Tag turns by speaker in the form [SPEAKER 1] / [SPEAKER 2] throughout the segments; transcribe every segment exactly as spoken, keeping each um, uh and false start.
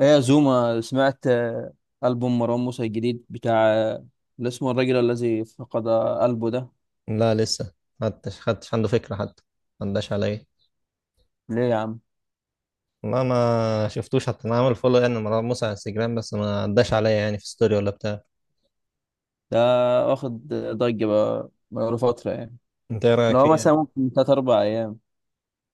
[SPEAKER 1] ايه يا زوما سمعت آه، ألبوم مروان موسى الجديد بتاع آه، اللي اسمه الرجل الذي فقد قلبه ده.
[SPEAKER 2] لا، لسه. حدش حدش عنده فكرة حتى. ما عداش عليا.
[SPEAKER 1] ليه يا عم؟
[SPEAKER 2] ما ما شفتوش حتى، انا عامل فولو يعني مروان موسى على انستجرام، بس ما عداش عليا يعني في ستوري ولا بتاع.
[SPEAKER 1] ده واخد ضجة بقى، بقاله فترة يعني.
[SPEAKER 2] انت ايه رايك
[SPEAKER 1] لو
[SPEAKER 2] فيه يعني؟
[SPEAKER 1] مثلا ممكن تلات أربع أيام.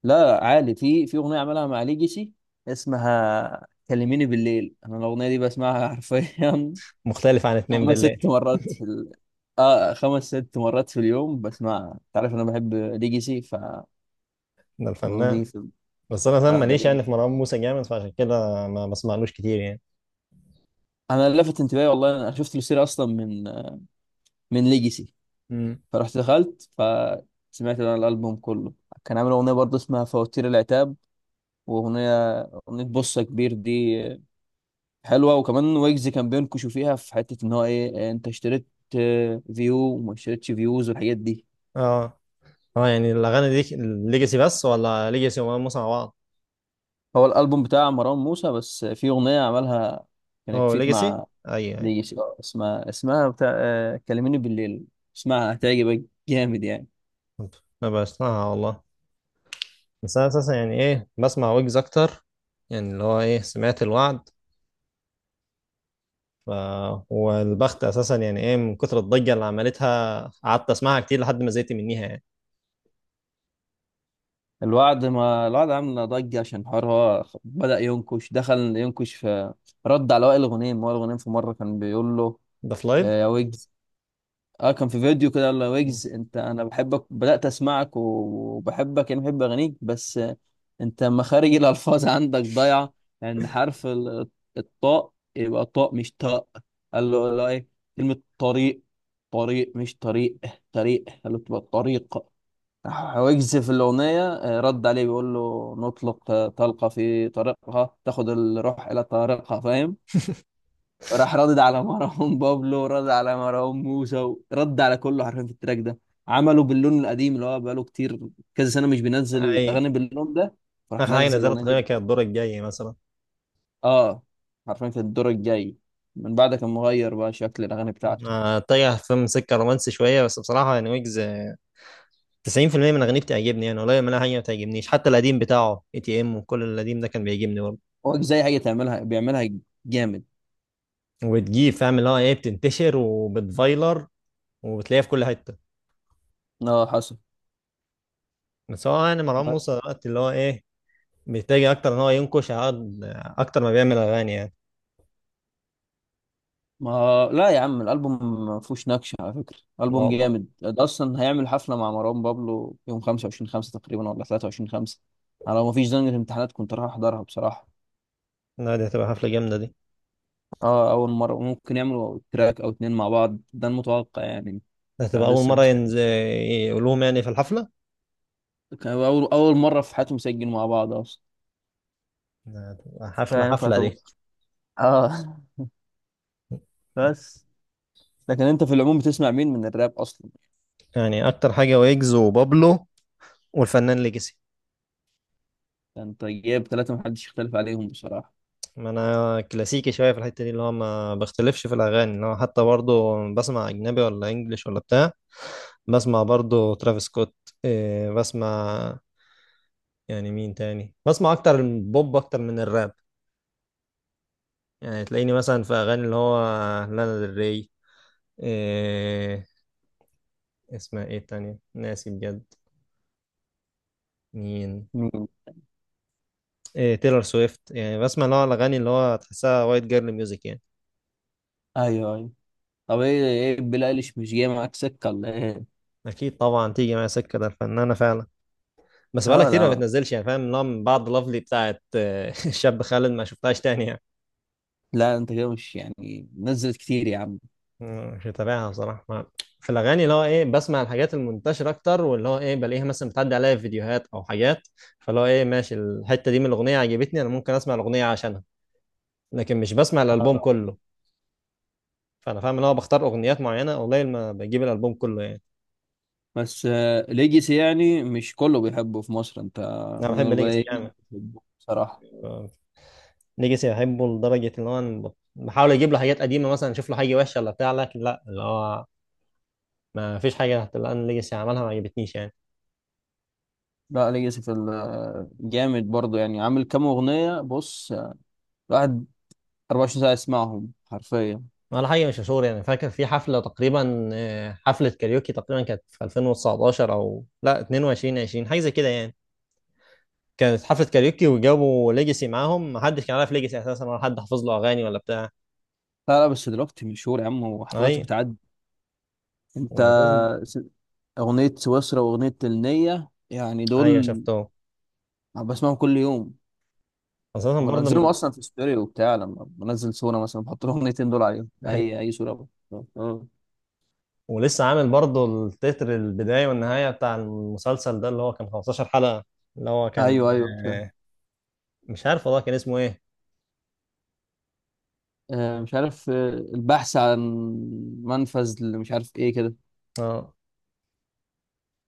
[SPEAKER 1] لا عالي، في في أغنية عملها مع ليجيسي اسمها كلميني بالليل. أنا الأغنية دي بسمعها حرفيا
[SPEAKER 2] مختلف عن اتنين
[SPEAKER 1] خمس
[SPEAKER 2] بالله؟
[SPEAKER 1] ست مرات في ال... اه، خمس ست مرات في اليوم بسمعها. أنت عارف أنا بحب ليجيسي، ف...
[SPEAKER 2] ده الفنان.
[SPEAKER 1] دي في...
[SPEAKER 2] بس انا فاهم
[SPEAKER 1] لا ده،
[SPEAKER 2] ماليش، يعني في مروان موسى جامد، فعشان كده ما بسمعلوش كتير يعني.
[SPEAKER 1] انا اللي لفت انتباهي والله. انا شفت له سيرة اصلا من من ليجاسي،
[SPEAKER 2] امم،
[SPEAKER 1] فرحت دخلت فسمعت انا الالبوم كله. كان عامل اغنيه برضه اسمها فواتير العتاب، واغنيه، اغنيه بصه كبير دي حلوه. وكمان ويجز كان بينكشوا فيها، في حته ان هو ايه إيه، انت اشتريت آه، فيو وما اشتريتش فيوز والحاجات دي.
[SPEAKER 2] اه، اه، يعني الاغاني دي ليجاسي بس ولا ليجاسي ومروان موسى مع بعض؟
[SPEAKER 1] هو الالبوم بتاع مروان موسى، بس في اغنيه عملها كانت
[SPEAKER 2] هو
[SPEAKER 1] فيت
[SPEAKER 2] ليجاسي؟
[SPEAKER 1] مع
[SPEAKER 2] اي، اي.
[SPEAKER 1] ليجاسي آه، اسمها اسمها بتاع آه، كلميني بالليل. اسمها هتعجبك، جامد يعني.
[SPEAKER 2] كنت ما بسمعها والله. بس انا اساسا يعني ايه، بسمع ويجز اكتر. يعني اللي هو ايه سمعت الوعد. ف... والبخت اساسا يعني ايه، من كتر الضجه اللي عملتها قعدت اسمعها كتير لحد ما زهقت منيها يعني.
[SPEAKER 1] الوعد، ما الوعد عامل ضجة عشان حوار هو بدأ ينكش، دخل ينكش في، رد على وائل غنيم. وائل غنيم في مرة كان بيقول له
[SPEAKER 2] ده في لايف.
[SPEAKER 1] آه، يا ويجز، اه كان في فيديو كده قال له يا
[SPEAKER 2] مم.
[SPEAKER 1] ويجز، انت انا بحبك، بدأت اسمعك وبحبك يعني، بحب اغانيك بس آه، انت مخارج الالفاظ عندك ضايعة، لان حرف ال- الطاء يبقى طاء مش طاء. قال له لا ايه؟ كلمة طريق، طريق مش طريق، طريق، قال له تبقى طريق. راح ويجز في الأغنية آه، رد عليه بيقول له نطلق آه، طلقة في طريقها تاخد الروح إلى طريقها، فاهم؟ راح ردد على مروان بابلو، رد على مروان موسى، رد على كله حرفيا في التراك ده. عملوا باللون القديم اللي هو بقاله كتير كذا سنة مش
[SPEAKER 2] اي.
[SPEAKER 1] بينزل أغاني باللون ده، فراح
[SPEAKER 2] اخر حاجه
[SPEAKER 1] نزل
[SPEAKER 2] نزلت
[SPEAKER 1] الأغنية دي.
[SPEAKER 2] تقريبا كانت الدور الجاي مثلا.
[SPEAKER 1] اه، حرفيا في الدور الجاي. من بعد كان مغير بقى شكل الأغاني بتاعته.
[SPEAKER 2] آه، اتجه فيلم سكه رومانسي شويه، بس بصراحه يعني ويجز تسعين في المية من اغانيه بتعجبني، يعني قليل منها حاجه ما بتعجبنيش، حتى القديم بتاعه اي تي ام وكل القديم ده كان بيعجبني برضه.
[SPEAKER 1] هو زي حاجة تعملها، بيعملها جامد.
[SPEAKER 2] وبتجيب فاهم اللي هو ايه بتنتشر وبتفايلر وبتلاقيها في كل حته.
[SPEAKER 1] اه حصل.
[SPEAKER 2] بس هو يعني مروان موسى دلوقتي اللي هو ايه بيتجه اكتر ان هو ينكش عقد- اكتر ما بيعمل اغاني يعني.
[SPEAKER 1] ما لا يا عم، الالبوم ما فيهوش نكش على فكره،
[SPEAKER 2] لا
[SPEAKER 1] البوم
[SPEAKER 2] والله.
[SPEAKER 1] جامد ده. اصلا هيعمل حفله مع مروان بابلو يوم خمسة وعشرين خمسة تقريبا، ولا ثلاثة وعشرين خمسة. انا لو ما فيش زنقه امتحانات كنت راح احضرها بصراحه.
[SPEAKER 2] لا، دي هتبقى حفلة جامدة دي.
[SPEAKER 1] اه، اول مره ممكن يعملوا تراك او اتنين مع بعض، ده المتوقع يعني.
[SPEAKER 2] ده هتبقى أول
[SPEAKER 1] فلسه
[SPEAKER 2] مرة
[SPEAKER 1] مش،
[SPEAKER 2] ينزل يقولوهم يعني في الحفلة.
[SPEAKER 1] كان اول اول مره في حياتهم مسجل مع بعض اصلا.
[SPEAKER 2] ده هتبقى حفلة،
[SPEAKER 1] فاهم،
[SPEAKER 2] حفلة
[SPEAKER 1] فتبقى
[SPEAKER 2] دي.
[SPEAKER 1] اه، بس. لكن انت في العموم بتسمع مين من الراب اصلا؟
[SPEAKER 2] يعني أكتر حاجة ويجز وبابلو والفنان ليجاسي.
[SPEAKER 1] انت جايب ثلاثه محدش يختلف عليهم بصراحه.
[SPEAKER 2] ما أنا كلاسيكي شوية في الحتة دي، اللي هو ما بختلفش في الأغاني، اللي هو حتى برضو بسمع أجنبي ولا إنجليش ولا بتاع. بسمع برضو ترافيس سكوت. إيه، بسمع. يعني مين تاني بسمع؟ أكتر البوب أكتر من الراب. يعني تلاقيني مثلا في أغاني اللي هو لانا دري. إيه، اسمها إيه التانية؟ ناسي بجد. مين؟
[SPEAKER 1] مين؟
[SPEAKER 2] إيه، تيلر سويفت. يعني بسمع نوع الاغاني اللي هو تحسها وايت جيرل ميوزك يعني.
[SPEAKER 1] ايوه ايوه. طب ايه ايه بيلي ايليش مش جاي معاك سكه، ولا ايه؟
[SPEAKER 2] اكيد طبعا تيجي معايا سكه، ده الفنانه فعلا. بس بقالها
[SPEAKER 1] اه
[SPEAKER 2] كتير ما
[SPEAKER 1] لا،
[SPEAKER 2] بتنزلش، يعني فاهم نوع من بعد لافلي بتاعت آه، الشاب خالد ما شفتهاش تاني يعني.
[SPEAKER 1] لا انت كده مش يعني نزلت كتير يا عم.
[SPEAKER 2] مم، مش متابعها بصراحه. ما- في الاغاني اللي هو ايه بسمع الحاجات المنتشره اكتر، واللي هو ايه بلاقيها مثلا بتعدي عليا في فيديوهات او حاجات، فاللي هو ايه ماشي الحته دي، من الاغنيه عجبتني انا ممكن اسمع الاغنيه عشانها، لكن مش بسمع الالبوم
[SPEAKER 1] آه.
[SPEAKER 2] كله. فانا فاهم ان هو بختار اغنيات معينه، قليل ما بجيب الالبوم كله يعني.
[SPEAKER 1] بس آه، ليجاسي يعني مش كله بيحبه في مصر، انت
[SPEAKER 2] انا
[SPEAKER 1] من
[SPEAKER 2] بحب ليجاسي
[SPEAKER 1] القليلين اللي
[SPEAKER 2] جامد.
[SPEAKER 1] بيحبوه بصراحه.
[SPEAKER 2] ليجاسي بحبه لدرجة اللي هو أنا بحاول أجيب له حاجات قديمة، مثلا أشوف له حاجة وحشة ولا بتاع، لكن لا، اللي هو ما فيش حاجة اللي أنا ليجاسي عملها ما عجبتنيش يعني.
[SPEAKER 1] لا ليجاسي في ال- آه، جامد برضه يعني، عامل كام اغنيه. بص آه، الواحد أربعة وعشرين ساعه يسمعهم حرفيا.
[SPEAKER 2] ولا حاجة مش مشهور يعني. فاكر في حفلة تقريبا، آه، حفلة كاريوكي تقريبا كانت في ألفين وتسعتاشر، أو لا اتنين وعشرين عشرين، حاجة زي كده يعني. كانت حفلة كاريوكي وجابوا ليجاسي معاهم، محدش كان عارف ليجاسي أساسا، ولا حد حافظ له أغاني ولا بتاع.
[SPEAKER 1] لا لا، بس دلوقتي مشهور يا عم، وحفلاته
[SPEAKER 2] أي.
[SPEAKER 1] بتعدي. انت
[SPEAKER 2] وأساساً-
[SPEAKER 1] س- اغنيه سويسرا واغنيه النيه يعني، دول
[SPEAKER 2] أيوه شفته.
[SPEAKER 1] بسمعهم كل يوم.
[SPEAKER 2] أساسا برضه
[SPEAKER 1] بنزلهم
[SPEAKER 2] من.
[SPEAKER 1] اصلا في ستوري وبتاع. لما بنزل صوره مثلا بحط لهم الاغنيتين دول عليهم، اي اي صوره بقى. اه.
[SPEAKER 2] ولسه عامل برضه التتر البداية والنهاية بتاع المسلسل ده اللي هو كان خمسة عشر حلقة، اللي هو كان
[SPEAKER 1] ايوه ايوه فاهم.
[SPEAKER 2] آه، مش عارف والله كان اسمه ايه.
[SPEAKER 1] آه، مش عارف آه، البحث عن منفذ، اللي مش عارف ايه كده.
[SPEAKER 2] اه،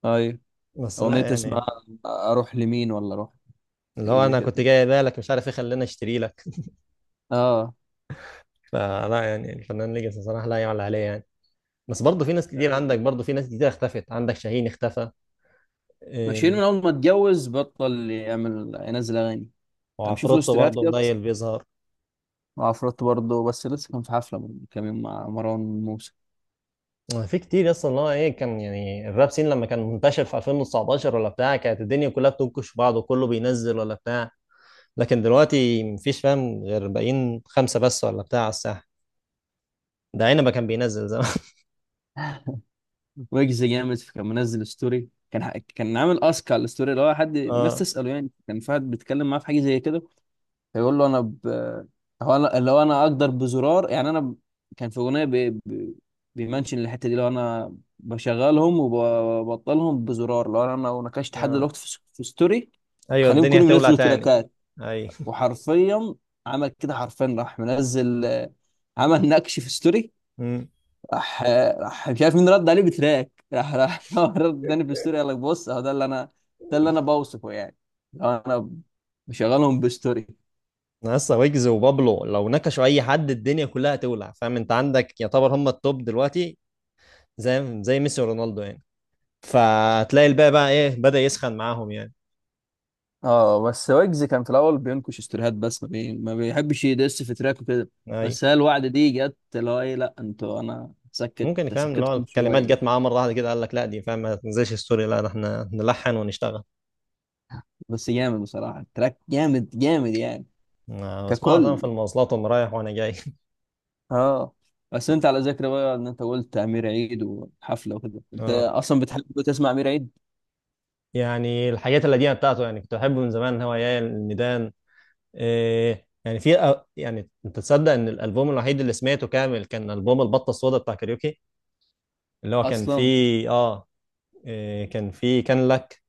[SPEAKER 1] ايوه.
[SPEAKER 2] بس لا
[SPEAKER 1] اغنيه اسمها
[SPEAKER 2] يعني.
[SPEAKER 1] اروح لمين ولا اروح،
[SPEAKER 2] اللي
[SPEAKER 1] حاجه
[SPEAKER 2] هو
[SPEAKER 1] زي
[SPEAKER 2] انا
[SPEAKER 1] كده.
[SPEAKER 2] كنت جاي بالك مش عارف ايه، خلينا اشتري لك.
[SPEAKER 1] اه،
[SPEAKER 2] فلا يعني، الفنان ليجاسي صراحة لا يعلى عليه يعني. بس برضه في ناس كتير عندك، برضه في ناس كتير اختفت، عندك شاهين اختفى.
[SPEAKER 1] ماشيين من
[SPEAKER 2] إيه،
[SPEAKER 1] اول ما اتجوز بطل يعمل، ينزل اغاني. انا بشوف له
[SPEAKER 2] وعفروتو
[SPEAKER 1] استريهات
[SPEAKER 2] برضه
[SPEAKER 1] كده بس.
[SPEAKER 2] قليل بيظهر.
[SPEAKER 1] وعفروت برضه، بس لسه كان في حفله من كام يوم مع مروان موسى.
[SPEAKER 2] آه، في كتير اصلا، اللي هو ايه كان يعني الراب سين لما كان منتشر في ألفين وتسعة عشر ولا بتاع، كانت الدنيا كلها بتنكش في بعض وكله بينزل ولا بتاع. لكن دلوقتي مفيش فاهم غير باقيين خمسة بس ولا بتاع على الساحة. ده عنبة كان بينزل زمان.
[SPEAKER 1] ويجز جامد. كان منزل ستوري، كان ح- كان عامل اسك على الستوري، اللي هو حد الناس
[SPEAKER 2] اه.
[SPEAKER 1] تساله يعني. كان في حد بيتكلم معاه في حاجه زي كده فيقول له، انا ب... هو انا، اللي هو انا اقدر بزرار يعني. انا ب... كان في اغنيه ب... ب... بيمنشن الحته دي، اللي هو انا بشغلهم وببطلهم بزرار، لو انا، لو نكشت حد
[SPEAKER 2] اه،
[SPEAKER 1] دلوقتي في, س- في ستوري.
[SPEAKER 2] ايوه
[SPEAKER 1] خليهم
[SPEAKER 2] الدنيا
[SPEAKER 1] كلهم
[SPEAKER 2] هتولع
[SPEAKER 1] ينزلوا
[SPEAKER 2] تاني.
[SPEAKER 1] تراكات.
[SPEAKER 2] اي.
[SPEAKER 1] وحرفيا عمل كده حرفيا، راح منزل آه، عمل نكش في ستوري.
[SPEAKER 2] امم
[SPEAKER 1] راح راح مش عارف مين، رد عليه بتراك. راح راح هو رد تاني في الستوري، قال لك بص اهو ده اللي انا ده اللي انا بوصفه يعني. لو انا بشغلهم بستوري.
[SPEAKER 2] لسه ويجز وبابلو لو نكشوا اي حد الدنيا كلها هتولع، فاهم انت عندك، يعتبر هم التوب دلوقتي، زي زي ميسي ورونالدو يعني. فتلاقي الباقي بقى ايه بدأ يسخن معاهم يعني.
[SPEAKER 1] اه، بس ويجز كان في الاول بينكش ستوريهات بس، ما, بي... ما بيحبش يدس في تراك وكده.
[SPEAKER 2] اي.
[SPEAKER 1] بس هي الوعد دي جت اللي هو ايه، لا انتوا انا سكت
[SPEAKER 2] ممكن فاهم اللي هو
[SPEAKER 1] سكتكم
[SPEAKER 2] الكلمات جت
[SPEAKER 1] شويه.
[SPEAKER 2] معاه مره واحده كده، قال لك لا دي فاهم ما تنزلش ستوري، لا ده احنا نلحن ونشتغل.
[SPEAKER 1] بس جامد بصراحه، التراك جامد جامد يعني
[SPEAKER 2] آه، بسمعها طبعا
[SPEAKER 1] ككل.
[SPEAKER 2] في المواصلات وانا رايح وانا جاي.
[SPEAKER 1] اه، بس انت على ذكر بقى، ان انت قلت امير عيد وحفله وكده، انت
[SPEAKER 2] اه،
[SPEAKER 1] اصلا بتحب تسمع امير عيد
[SPEAKER 2] يعني الحاجات القديمه بتاعته يعني كنت بحبه من زمان، هو يا الميدان. إيه، يعني في أ- يعني انت تصدق ان الالبوم الوحيد اللي سمعته كامل كان البوم البطه السوداء بتاع كاريوكي؟ اللي هو كان
[SPEAKER 1] اصلا؟
[SPEAKER 2] فيه اه. إيه، كان فيه كان لك.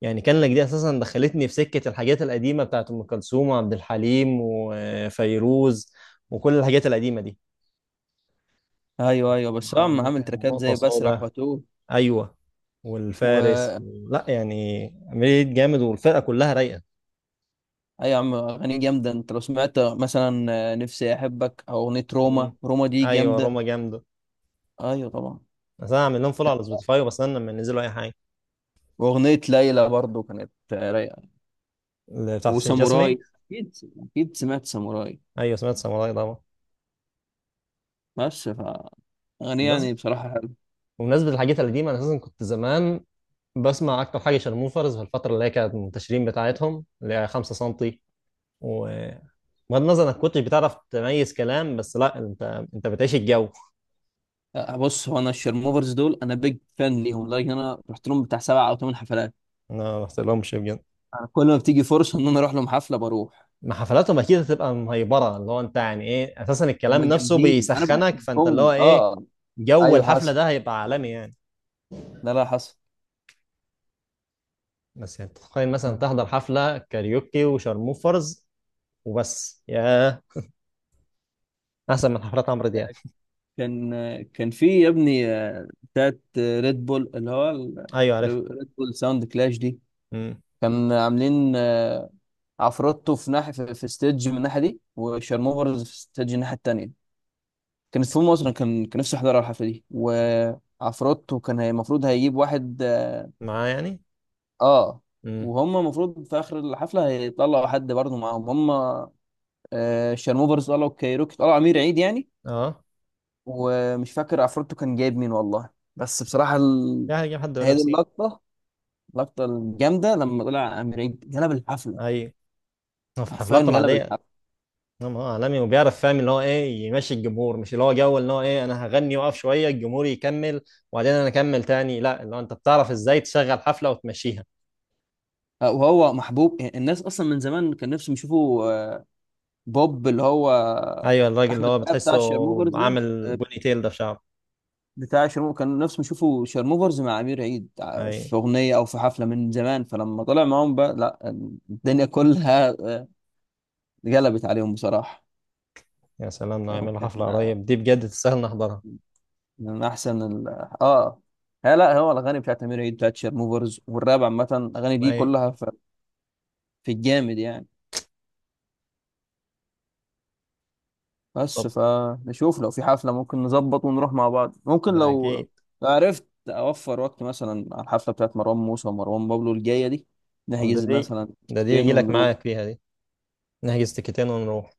[SPEAKER 2] يعني كان لك دي اساسا دخلتني في سكه الحاجات القديمه بتاعت ام كلثوم وعبد الحليم وفيروز، وكل الحاجات القديمه دي.
[SPEAKER 1] ايوه ايوه. بس هو
[SPEAKER 2] آه،
[SPEAKER 1] عم، عامل تراكات
[SPEAKER 2] نقطه
[SPEAKER 1] زي بسرح
[SPEAKER 2] سوداء.
[SPEAKER 1] واتوه،
[SPEAKER 2] ايوه،
[SPEAKER 1] و...
[SPEAKER 2] والفارس. لا يعني عملية جامد والفرقه كلها رايقه.
[SPEAKER 1] اي يا عم، اغاني جامده. انت لو سمعت مثلا آه، نفسي احبك او اغنيه روما،
[SPEAKER 2] مم.
[SPEAKER 1] روما دي
[SPEAKER 2] ايوه
[SPEAKER 1] جامده.
[SPEAKER 2] روما جامده.
[SPEAKER 1] ايوه طبعا.
[SPEAKER 2] بس انا عامل لهم فولو على سبوتيفاي وبستنى لما ينزلوا اي حاجه.
[SPEAKER 1] واغنيه ليلى برضو كانت آه، رايقه.
[SPEAKER 2] اللي بتاعت حسين جسمي.
[SPEAKER 1] وساموراي، اكيد اكيد سمعت ساموراي.
[SPEAKER 2] ايوه سمعت ساموراي طبعا.
[SPEAKER 1] بس ف... اغاني يعني
[SPEAKER 2] بالنسبه
[SPEAKER 1] بصراحه حلوه.
[SPEAKER 2] بمناسبه الحاجات القديمه، انا اساسا كنت زمان بسمع اكتر حاجه شارموفرز، في الفتره اللي هي كانت منتشرين بتاعتهم اللي هي خمسة سنتي. وبغض النظر انك كنتش بتعرف تميز كلام، بس لا انت، انت بتعيش الجو.
[SPEAKER 1] آه، بص هو انا الشرموفرز دول انا بيج فان ليهم، لدرجه إن انا رحت لهم بتاع سبع او ثمان حفلات.
[SPEAKER 2] انا ما رحت لهمش بجد.
[SPEAKER 1] انا كل ما بتيجي فرصه ان انا اروح لهم حفله، بروح.
[SPEAKER 2] ما حفلاتهم اكيد هتبقى مهيبره، اللي هو انت يعني ايه اساسا
[SPEAKER 1] هم
[SPEAKER 2] الكلام نفسه
[SPEAKER 1] جامدين، انا
[SPEAKER 2] بيسخنك، فانت اللي هو
[SPEAKER 1] بحبهم.
[SPEAKER 2] ايه
[SPEAKER 1] اه،
[SPEAKER 2] جو
[SPEAKER 1] ايوه
[SPEAKER 2] الحفله
[SPEAKER 1] حصل.
[SPEAKER 2] ده هيبقى عالمي يعني.
[SPEAKER 1] لا لا حصل.
[SPEAKER 2] بس يعني تتخيل مثلا تحضر حفلة كاريوكي وشارموفرز وبس، ياه. أحسن من حفلات عمرو دياب.
[SPEAKER 1] كان كان في يا ابني آه، بتاعت ريد بول، اللي هو ال-
[SPEAKER 2] أيوه عارف.
[SPEAKER 1] ريد بول ساوند كلاش دي.
[SPEAKER 2] امم
[SPEAKER 1] كان عاملين آه، عفروتو في ناحية، في في ستيدج من الناحية دي، وشارموفرز في ستيدج الناحية التانية. كانت في مصر. كان كان نفسي احضر الحفلة دي. وعفروتو كان، هي- المفروض هيجيب واحد، اه
[SPEAKER 2] معاه يعني.
[SPEAKER 1] آه،
[SPEAKER 2] امم،
[SPEAKER 1] وهم المفروض في اخر الحفلة هيطلعوا حد برضه معاهم هم. آه، شارموفرز طلعوا كايروكي، طلعوا امير عيد يعني.
[SPEAKER 2] أه.
[SPEAKER 1] ومش فاكر عفروتو كان جايب مين والله. بس بصراحة ال...
[SPEAKER 2] يعني هيجيب حد
[SPEAKER 1] هذه
[SPEAKER 2] لابسين.
[SPEAKER 1] اللقطة اللقطة الجامدة لما طلع أمير عيد جلب الحفلة.
[SPEAKER 2] أيوه. هو في
[SPEAKER 1] حرفيا
[SPEAKER 2] حفلاته
[SPEAKER 1] جلب
[SPEAKER 2] العادية،
[SPEAKER 1] الحفلة.
[SPEAKER 2] نعم، هو عالمي وبيعرف فاهم اللي هو إيه يمشي الجمهور، مش اللي هو جو اللي هو إيه أنا هغني وأقف شوية الجمهور يكمل وبعدين أنا أكمل تاني، لا اللي هو أنت بتعرف إزاي تشغل حفلة وتمشيها.
[SPEAKER 1] آه، وهو محبوب الناس أصلا من زمان، كان نفسهم يشوفوا آه، بوب اللي هو آه،
[SPEAKER 2] أيوه. الراجل اللي
[SPEAKER 1] أحمد
[SPEAKER 2] هو
[SPEAKER 1] بقى، بتاع
[SPEAKER 2] بتحسه
[SPEAKER 1] الشيرموفرز ده.
[SPEAKER 2] عامل
[SPEAKER 1] آه،
[SPEAKER 2] بوني تيل ده في شعره.
[SPEAKER 1] بتاع الشيرموفرز كان نفسهم يشوفوا شيرموفرز مع أمير عيد آه،
[SPEAKER 2] أيوه.
[SPEAKER 1] في أغنية أو في حفلة من زمان. فلما طلع معاهم بقى لا، الدنيا كلها آه، اتقلبت عليهم بصراحة.
[SPEAKER 2] يا سلام لو
[SPEAKER 1] يعني
[SPEAKER 2] يعملوا
[SPEAKER 1] كانت
[SPEAKER 2] حفلة قريب دي بجد تستاهل نحضرها.
[SPEAKER 1] من احسن ال... اه لا لا، هو الاغاني بتاعت امير عيد، بتاعت شيرموفرز، والراب عامه، الاغاني دي
[SPEAKER 2] أيوه.
[SPEAKER 1] كلها في، في الجامد يعني. بس
[SPEAKER 2] طب
[SPEAKER 1] فنشوف، لو في حفله ممكن نظبط ونروح مع بعض. ممكن
[SPEAKER 2] ده
[SPEAKER 1] لو،
[SPEAKER 2] اكيد.
[SPEAKER 1] لو عرفت اوفر وقت مثلا على الحفله بتاعت مروان موسى ومروان بابلو الجايه دي،
[SPEAKER 2] طب ده
[SPEAKER 1] نحجز
[SPEAKER 2] دي
[SPEAKER 1] مثلا
[SPEAKER 2] ده دي
[SPEAKER 1] تيكتين
[SPEAKER 2] يجي لك
[SPEAKER 1] ونروح.
[SPEAKER 2] معاك فيها دي، نحجز تيكتين ونروح.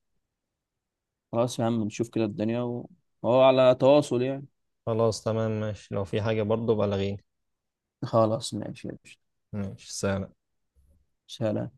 [SPEAKER 1] خلاص يا عم نشوف كده الدنيا و- وهو على تواصل يعني.
[SPEAKER 2] خلاص تمام ماشي، لو في حاجة برضه بلغيني.
[SPEAKER 1] خلاص ماشي يا باشا.
[SPEAKER 2] ماشي سلام.
[SPEAKER 1] سلام